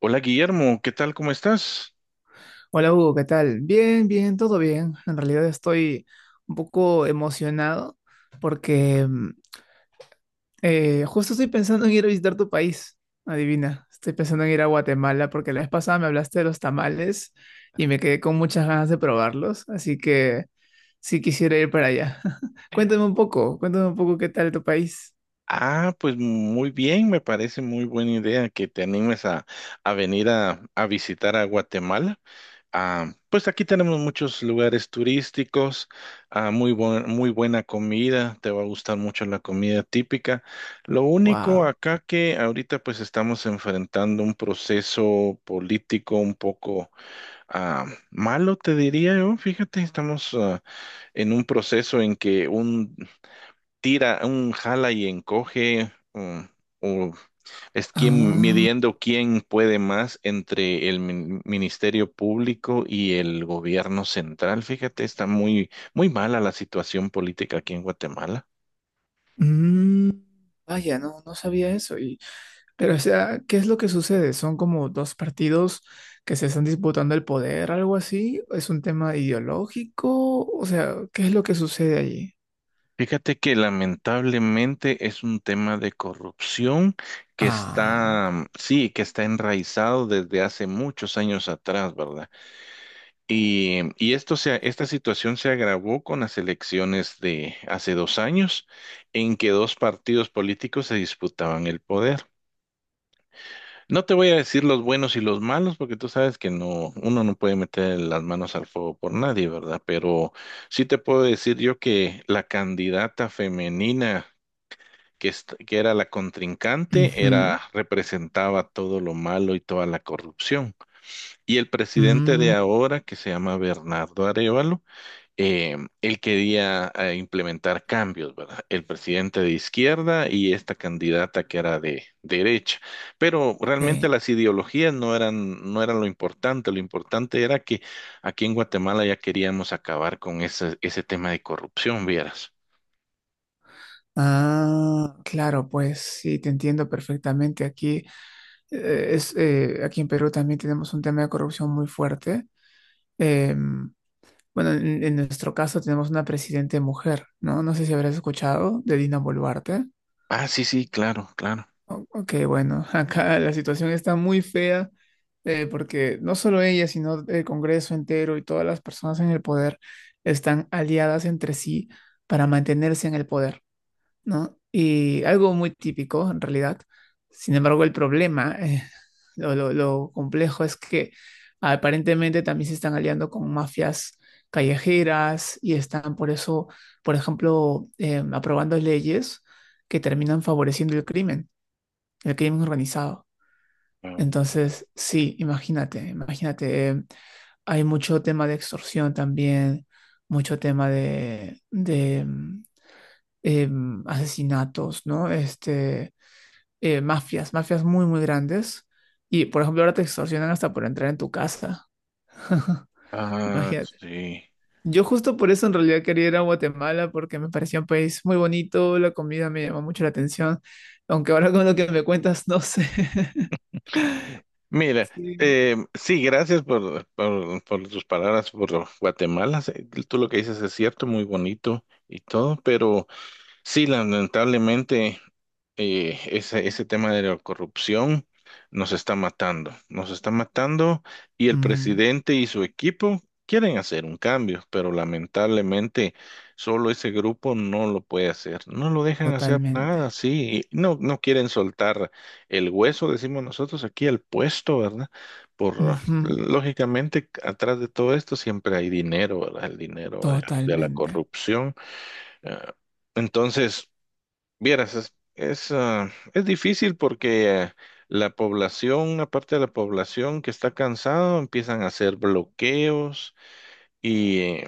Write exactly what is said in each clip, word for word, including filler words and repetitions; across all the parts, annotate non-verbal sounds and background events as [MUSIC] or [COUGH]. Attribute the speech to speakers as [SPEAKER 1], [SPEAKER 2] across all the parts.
[SPEAKER 1] Hola Guillermo, ¿qué tal? ¿Cómo estás?
[SPEAKER 2] Hola Hugo, ¿qué tal? Bien, bien, todo bien. En realidad estoy un poco emocionado porque mm, eh, justo estoy pensando en ir a visitar tu país. Adivina, estoy pensando en ir a Guatemala porque la vez pasada me hablaste de los tamales y me quedé con muchas ganas de probarlos, así que sí quisiera ir para allá. [LAUGHS] Cuéntame un poco, cuéntame un poco qué tal tu país.
[SPEAKER 1] Ah, pues muy bien, me parece muy buena idea que te animes a, a venir a, a visitar a Guatemala. Ah, pues aquí tenemos muchos lugares turísticos, ah, muy buen- muy buena comida, te va a gustar mucho la comida típica. Lo único
[SPEAKER 2] Wow.
[SPEAKER 1] acá que ahorita pues estamos enfrentando un proceso político un poco ah, malo, te diría yo. Fíjate, estamos ah, en un proceso en que un tira, un jala y encoge, o, o es quien
[SPEAKER 2] Ah,
[SPEAKER 1] midiendo quién puede más entre el min- Ministerio Público y el gobierno central. Fíjate, está muy, muy mala la situación política aquí en Guatemala.
[SPEAKER 2] mm, vaya, no, no sabía eso. Pero, o sea, ¿qué es lo que sucede? ¿Son como dos partidos que se están disputando el poder, algo así? ¿Es un tema ideológico? O sea, ¿qué es lo que sucede allí?
[SPEAKER 1] Fíjate que lamentablemente es un tema de corrupción que
[SPEAKER 2] Ah,
[SPEAKER 1] está, mm, sí, que está enraizado desde hace muchos años atrás, ¿verdad? Y, y esto se, esta situación se agravó con las elecciones de hace dos años, en que dos partidos políticos se disputaban el poder. No te voy a decir los buenos y los malos, porque tú sabes que no, uno no puede meter las manos al fuego por nadie, ¿verdad? Pero sí te puedo decir yo que la candidata femenina que, est- que era la contrincante
[SPEAKER 2] ujú,
[SPEAKER 1] era, representaba todo lo malo y toda la corrupción. Y el presidente de
[SPEAKER 2] mm,
[SPEAKER 1] ahora, que se llama Bernardo Arevalo, eh, él quería eh, implementar cambios, ¿verdad? El presidente de izquierda y esta candidata que era de derecha. Pero
[SPEAKER 2] ok.
[SPEAKER 1] realmente las ideologías no eran, no eran lo importante. Lo importante era que aquí en Guatemala ya queríamos acabar con ese, ese tema de corrupción, vieras.
[SPEAKER 2] Ah, claro, pues sí, te entiendo perfectamente. Aquí, eh, es, eh, aquí en Perú también tenemos un tema de corrupción muy fuerte. Em, bueno, en, en nuestro caso tenemos una presidente mujer, ¿no? No sé si habrás escuchado de Dina Boluarte.
[SPEAKER 1] Ah, sí, sí, claro, claro.
[SPEAKER 2] O- Ok, bueno, [LAUGHS] acá la situación está muy fea, eh, porque no solo ella, sino el Congreso entero y todas las personas en el poder están aliadas entre sí para mantenerse en el poder, ¿no? Y algo muy típico en realidad. Sin embargo, el problema, eh, [LAUGHS] lo, lo- lo complejo es que aparentemente también se están aliando con mafias callejeras y están por eso, por ejemplo, em, aprobando leyes que terminan favoreciendo el crimen, el crimen organizado. Entonces, sí, imagínate, imagínate, eh, hay mucho tema de extorsión también, mucho tema de, de, mm, em, asesinatos, ¿no? Este, eh, mafias, mafias muy, muy grandes. Y, por ejemplo, ahora te extorsionan hasta por entrar en tu casa. [LAUGHS]
[SPEAKER 1] Ah,
[SPEAKER 2] Imagínate.
[SPEAKER 1] sí.
[SPEAKER 2] Yo justo por eso en realidad quería ir a Guatemala porque me parecía un país muy bonito, la comida me llamó mucho la atención, aunque ahora con lo que me cuentas no sé. [LAUGHS]
[SPEAKER 1] Mira,
[SPEAKER 2] Sí.
[SPEAKER 1] eh, sí, gracias por, por, por tus palabras por Guatemala. Sí, tú lo que dices es cierto, muy bonito y todo, pero sí, lamentablemente eh, ese, ese tema de la corrupción nos está matando, nos está matando y el
[SPEAKER 2] Ujú.
[SPEAKER 1] presidente y su equipo quieren hacer un cambio, pero lamentablemente solo ese grupo no lo puede hacer, no lo dejan hacer
[SPEAKER 2] Totalmente.
[SPEAKER 1] nada, sí, y no, no quieren soltar el hueso, decimos nosotros aquí, el puesto, ¿verdad? Por,
[SPEAKER 2] Ujú,
[SPEAKER 1] lógicamente, atrás de todo esto siempre hay dinero, ¿verdad? El dinero de, de la
[SPEAKER 2] totalmente.
[SPEAKER 1] corrupción. eh, entonces... Vieras, es, es, ah, es difícil porque eh, la población, una parte de la población que está cansado empiezan a hacer bloqueos y, eh,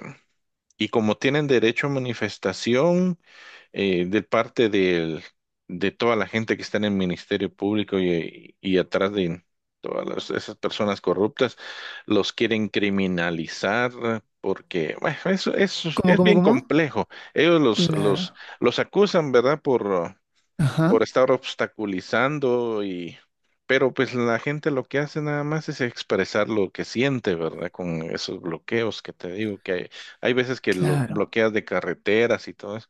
[SPEAKER 1] y como tienen derecho a manifestación, eh, de parte del, de toda la gente que está en el Ministerio Público y, y atrás de todas las- esas personas corruptas, los quieren criminalizar. Porque, bueno, eso, eso
[SPEAKER 2] ¿Cómo,
[SPEAKER 1] es
[SPEAKER 2] cómo,
[SPEAKER 1] bien
[SPEAKER 2] cómo?
[SPEAKER 1] complejo. Ellos los,
[SPEAKER 2] Claro.
[SPEAKER 1] los, los acusan, ¿verdad? Por, por
[SPEAKER 2] Ajá.
[SPEAKER 1] estar obstaculizando y... Pero pues la gente lo que hace nada más es expresar lo que siente, ¿verdad? Con esos bloqueos que te digo que hay, hay veces que lo
[SPEAKER 2] Claro.
[SPEAKER 1] bloqueas de carreteras y todo eso.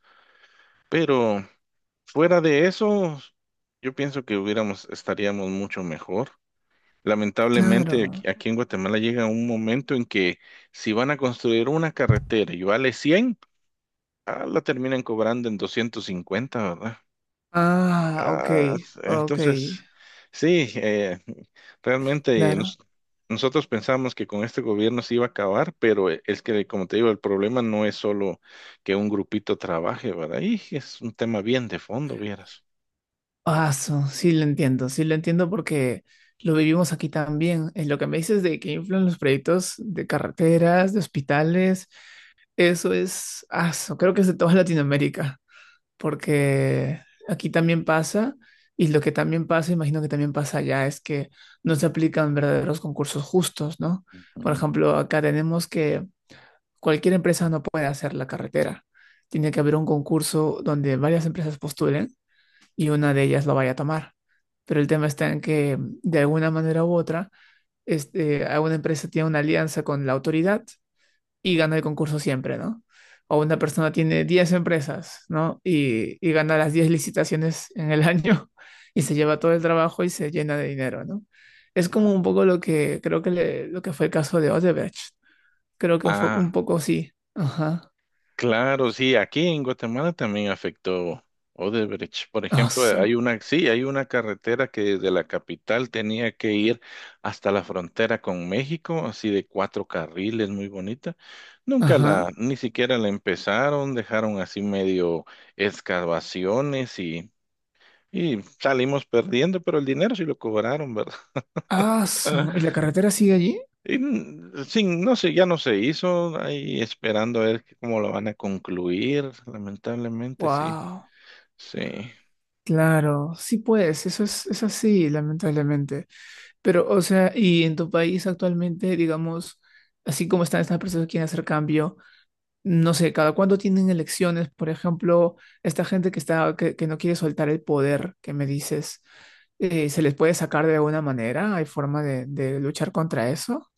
[SPEAKER 1] Pero fuera de eso, yo pienso que hubiéramos, estaríamos mucho mejor. Lamentablemente aquí,
[SPEAKER 2] Claro.
[SPEAKER 1] aquí en Guatemala llega un momento en que si van a construir una carretera y vale cien, ah, la terminan cobrando en doscientos cincuenta, ¿verdad?
[SPEAKER 2] Ah, ok.
[SPEAKER 1] Ah,
[SPEAKER 2] Ok.
[SPEAKER 1] entonces, sí, eh, realmente
[SPEAKER 2] Claro.
[SPEAKER 1] nos- nosotros pensamos que con este gobierno se iba a acabar, pero eh, es que, como te digo, el problema no es solo que un grupito trabaje, ¿verdad? Y es un tema bien de fondo, vieras.
[SPEAKER 2] Ah, su- sí lo entiendo. Sí lo entiendo porque lo vivimos aquí también. En lo que me dices de que influyen los proyectos de carreteras, de hospitales, eso es, ah, su, creo que es de toda Latinoamérica. Porque aquí también pasa, y lo que también pasa, imagino que también pasa allá, es que no se aplican verdaderos concursos justos, ¿no? Por
[SPEAKER 1] Ujú,
[SPEAKER 2] ejemplo, acá tenemos que cualquier empresa no puede hacer la carretera. Tiene que haber un concurso donde varias empresas postulen y una de ellas lo vaya a tomar. Pero el tema está en que, de alguna manera u otra, este, alguna empresa tiene una alianza con la autoridad y gana el concurso siempre, ¿no? O una persona tiene diez empresas, ¿no? Y, y gana las diez licitaciones en el año [LAUGHS] y se
[SPEAKER 1] sí,
[SPEAKER 2] lleva todo el trabajo y se llena de dinero, ¿no? Es como
[SPEAKER 1] claro.
[SPEAKER 2] un poco lo que creo que, le- lo que fue el caso de Odebrecht. Creo que fue un
[SPEAKER 1] Ah.
[SPEAKER 2] poco sí. Ajá.
[SPEAKER 1] Claro, sí, aquí en Guatemala también afectó Odebrecht. Por ejemplo,
[SPEAKER 2] Aso.
[SPEAKER 1] hay una, sí, hay una carretera que desde la capital tenía que ir hasta la frontera con México, así de cuatro carriles, muy bonita. Nunca
[SPEAKER 2] Ajá.
[SPEAKER 1] la, Ni siquiera la empezaron, dejaron así medio excavaciones y, y salimos perdiendo, pero el dinero sí lo cobraron, ¿verdad?
[SPEAKER 2] Aso. ¿Y la
[SPEAKER 1] [LAUGHS]
[SPEAKER 2] carretera sigue allí?
[SPEAKER 1] Y, mm, sin, no sé, ya no se hizo, ahí esperando a ver que- cómo lo van a concluir, lamentablemente, sí,
[SPEAKER 2] Wow.
[SPEAKER 1] sí.
[SPEAKER 2] Claro. Sí, pues. Eso es, es así, lamentablemente. Pero, o sea, y en tu país actualmente, digamos, así como están estas personas que quieren hacer cambio, no sé, cada cuándo tienen elecciones, por ejemplo, esta gente que está, que, que no quiere soltar el poder, que me dices, eh, ¿se les puede sacar de alguna manera? ¿Hay forma de, de luchar contra eso?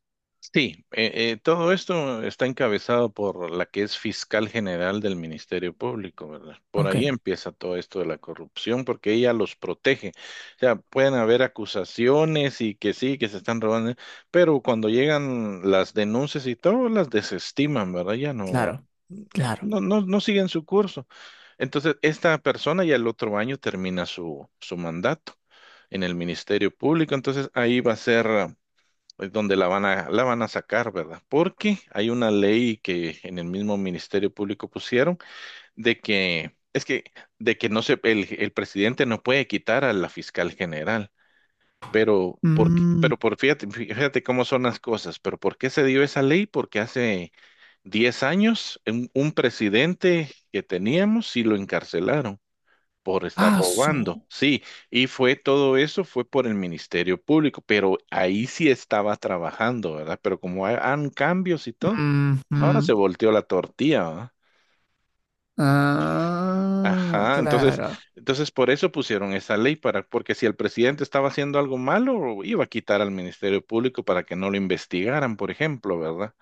[SPEAKER 1] Sí, eh, eh, todo esto está encabezado por la que es fiscal general del Ministerio Público, ¿verdad? Por
[SPEAKER 2] Ok,
[SPEAKER 1] ahí empieza todo esto de la corrupción, porque ella los protege. O sea, pueden haber acusaciones y que sí, que se están robando, pero cuando llegan las denuncias y todo, las desestiman, ¿verdad? Ya no,
[SPEAKER 2] claro, claro.
[SPEAKER 1] no, no, no siguen su curso. Entonces, esta persona ya el otro año termina su, su mandato en el Ministerio Público, entonces ahí va a ser es donde la van a, la van a sacar, ¿verdad? Porque hay una ley que en el mismo Ministerio Público pusieron de que, es que, de que no se, el, el presidente no puede quitar a la fiscal general, pero, ¿por qué?
[SPEAKER 2] Mm,
[SPEAKER 1] Pero por, fíjate, fíjate cómo son las cosas, pero ¿por qué se dio esa ley? Porque hace diez años un, un presidente que teníamos sí lo encarcelaron por estar
[SPEAKER 2] ah,
[SPEAKER 1] robando.
[SPEAKER 2] su-
[SPEAKER 1] Sí, y fue todo eso, fue por el Ministerio Público, pero ahí sí estaba trabajando, ¿verdad? Pero como hay- han cambios y todo, ahora
[SPEAKER 2] ujú.
[SPEAKER 1] se volteó la tortilla, ¿verdad?
[SPEAKER 2] Ah,
[SPEAKER 1] Ajá, entonces,
[SPEAKER 2] claro,
[SPEAKER 1] entonces por eso pusieron esa ley para, porque si el presidente estaba haciendo algo malo, iba a quitar al Ministerio Público para que no lo investigaran, por ejemplo, ¿verdad?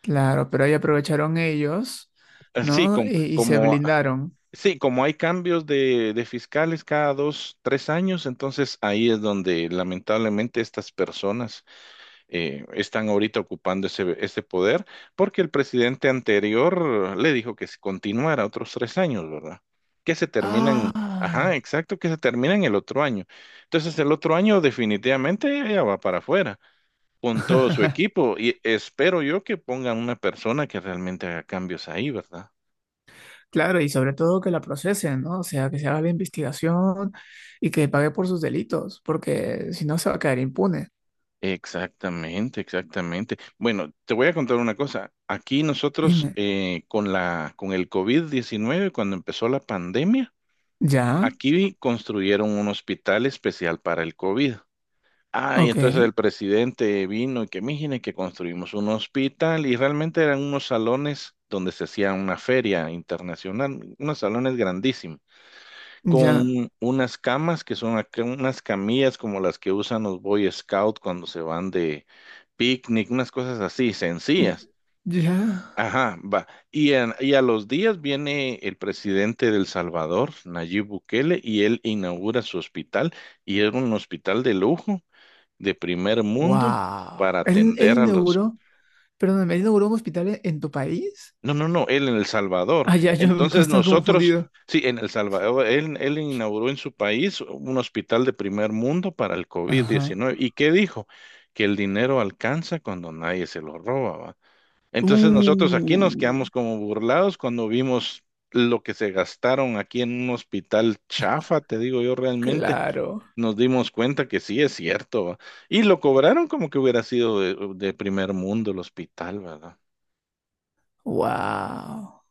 [SPEAKER 2] claro, pero ahí aprovecharon ellos,
[SPEAKER 1] Eh, Sí,
[SPEAKER 2] ¿no?
[SPEAKER 1] com-
[SPEAKER 2] y y se
[SPEAKER 1] como,
[SPEAKER 2] blindaron.
[SPEAKER 1] sí, como hay cambios de, de fiscales cada dos, tres años, entonces ahí es donde lamentablemente estas personas eh, están ahorita ocupando ese, ese poder, porque el presidente anterior le dijo que si continuara otros tres años, ¿verdad? Que se terminan, ajá,
[SPEAKER 2] Ah,
[SPEAKER 1] exacto, que se terminan el otro año. Entonces el otro año definitivamente ella va para afuera con todo su
[SPEAKER 2] [LAUGHS]
[SPEAKER 1] equipo y espero yo que pongan una persona que realmente haga cambios ahí, ¿verdad?
[SPEAKER 2] claro, y sobre todo que la procesen, ¿no? O sea, que se haga la investigación y que pague por sus delitos, porque si no se va a quedar impune.
[SPEAKER 1] Exactamente, exactamente. Bueno, te voy a contar una cosa. Aquí nosotros
[SPEAKER 2] Dime,
[SPEAKER 1] eh, con la, con el COVID diecinueve, cuando empezó la pandemia,
[SPEAKER 2] ¿ya?
[SPEAKER 1] aquí construyeron un hospital especial para el COVID. Ah, y
[SPEAKER 2] Ok,
[SPEAKER 1] entonces el presidente vino y que miren que construimos un hospital y realmente eran unos salones donde se hacía una feria internacional, unos salones grandísimos,
[SPEAKER 2] ya,
[SPEAKER 1] con unas camas que son acá unas camillas como las que usan los Boy Scouts cuando se van de picnic, unas cosas así sencillas.
[SPEAKER 2] ya.
[SPEAKER 1] Ajá, va. Y, en- y a los días viene el presidente de El Salvador, Nayib Bukele, y él inaugura su hospital, y es un hospital de lujo, de primer mundo,
[SPEAKER 2] Wow.
[SPEAKER 1] para
[SPEAKER 2] ¿Él, él
[SPEAKER 1] atender a los...
[SPEAKER 2] inauguró, perdóname, él inauguró un hospital e- en tu país?
[SPEAKER 1] No, no, no, él en El Salvador.
[SPEAKER 2] Ah, ya, yo me
[SPEAKER 1] Entonces
[SPEAKER 2] estaba
[SPEAKER 1] nosotros,
[SPEAKER 2] confundido.
[SPEAKER 1] sí, en El Salvador, él, él inauguró en su país un hospital de primer mundo para el covid
[SPEAKER 2] Ajá.
[SPEAKER 1] diecinueve ¿Y qué dijo? Que el dinero alcanza cuando nadie se lo roba, ¿va?
[SPEAKER 2] Uh,
[SPEAKER 1] Entonces nosotros aquí nos quedamos como burlados cuando vimos lo que se gastaron aquí en un hospital chafa, te digo yo realmente,
[SPEAKER 2] claro.
[SPEAKER 1] nos dimos cuenta que sí es cierto, ¿va? Y lo cobraron como que hubiera sido de, de primer mundo el hospital, ¿verdad?
[SPEAKER 2] Wow.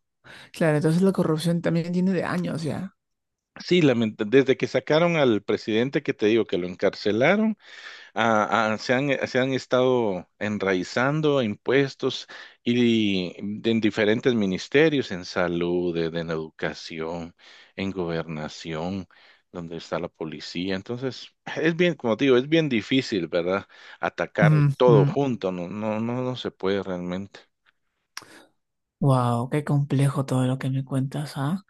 [SPEAKER 2] Claro, entonces la corrupción también tiene de años ya.
[SPEAKER 1] Sí, lament- desde que sacaron al presidente que te digo que lo encarcelaron. a- a- se han, eh, se han estado enraizando a impuestos y en diferentes ministerios, en salud, en, en educación, en gobernación, donde está la policía. Entonces, es bien, como te digo, es bien difícil, ¿verdad? Atacar todo
[SPEAKER 2] Ujú.
[SPEAKER 1] junto, no, no, no, no se puede realmente.
[SPEAKER 2] Wow, qué complejo todo lo que me cuentas, ¿ah?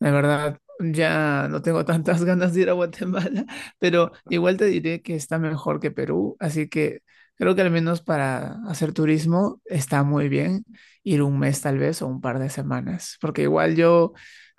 [SPEAKER 2] La verdad, ya no tengo tantas [LAUGHS] ganas de ir a Guatemala, [LAUGHS] pero igual te diré que está mejor que Perú, así que creo que al menos para hacer turismo está muy bien ir un mes
[SPEAKER 1] Ujú.
[SPEAKER 2] tal vez o un par de semanas, porque igual yo,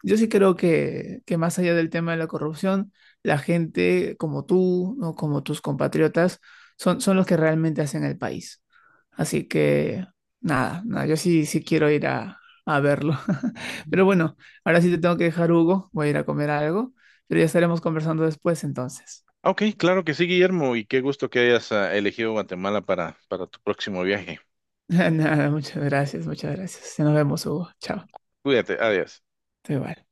[SPEAKER 2] yo sí creo que, que, más allá del tema de la corrupción, la gente como tú, ¿no? Como tus compatriotas, son, son los que realmente hacen el país. Así que nada, nada, yo sí, sí quiero ir a, a verlo. [LAUGHS] Pero bueno. Ahora sí te tengo que dejar, Hugo. Voy a ir a comer algo, pero ya estaremos conversando después entonces.
[SPEAKER 1] Ok, claro que sí, Guillermo, y qué gusto que hayas ah, elegido Guatemala para, para tu próximo viaje.
[SPEAKER 2] [LAUGHS] Nada, muchas gracias, muchas gracias. Ya Nos vemos, Hugo. Chao.
[SPEAKER 1] Cuídate, adiós.
[SPEAKER 2] Te vale.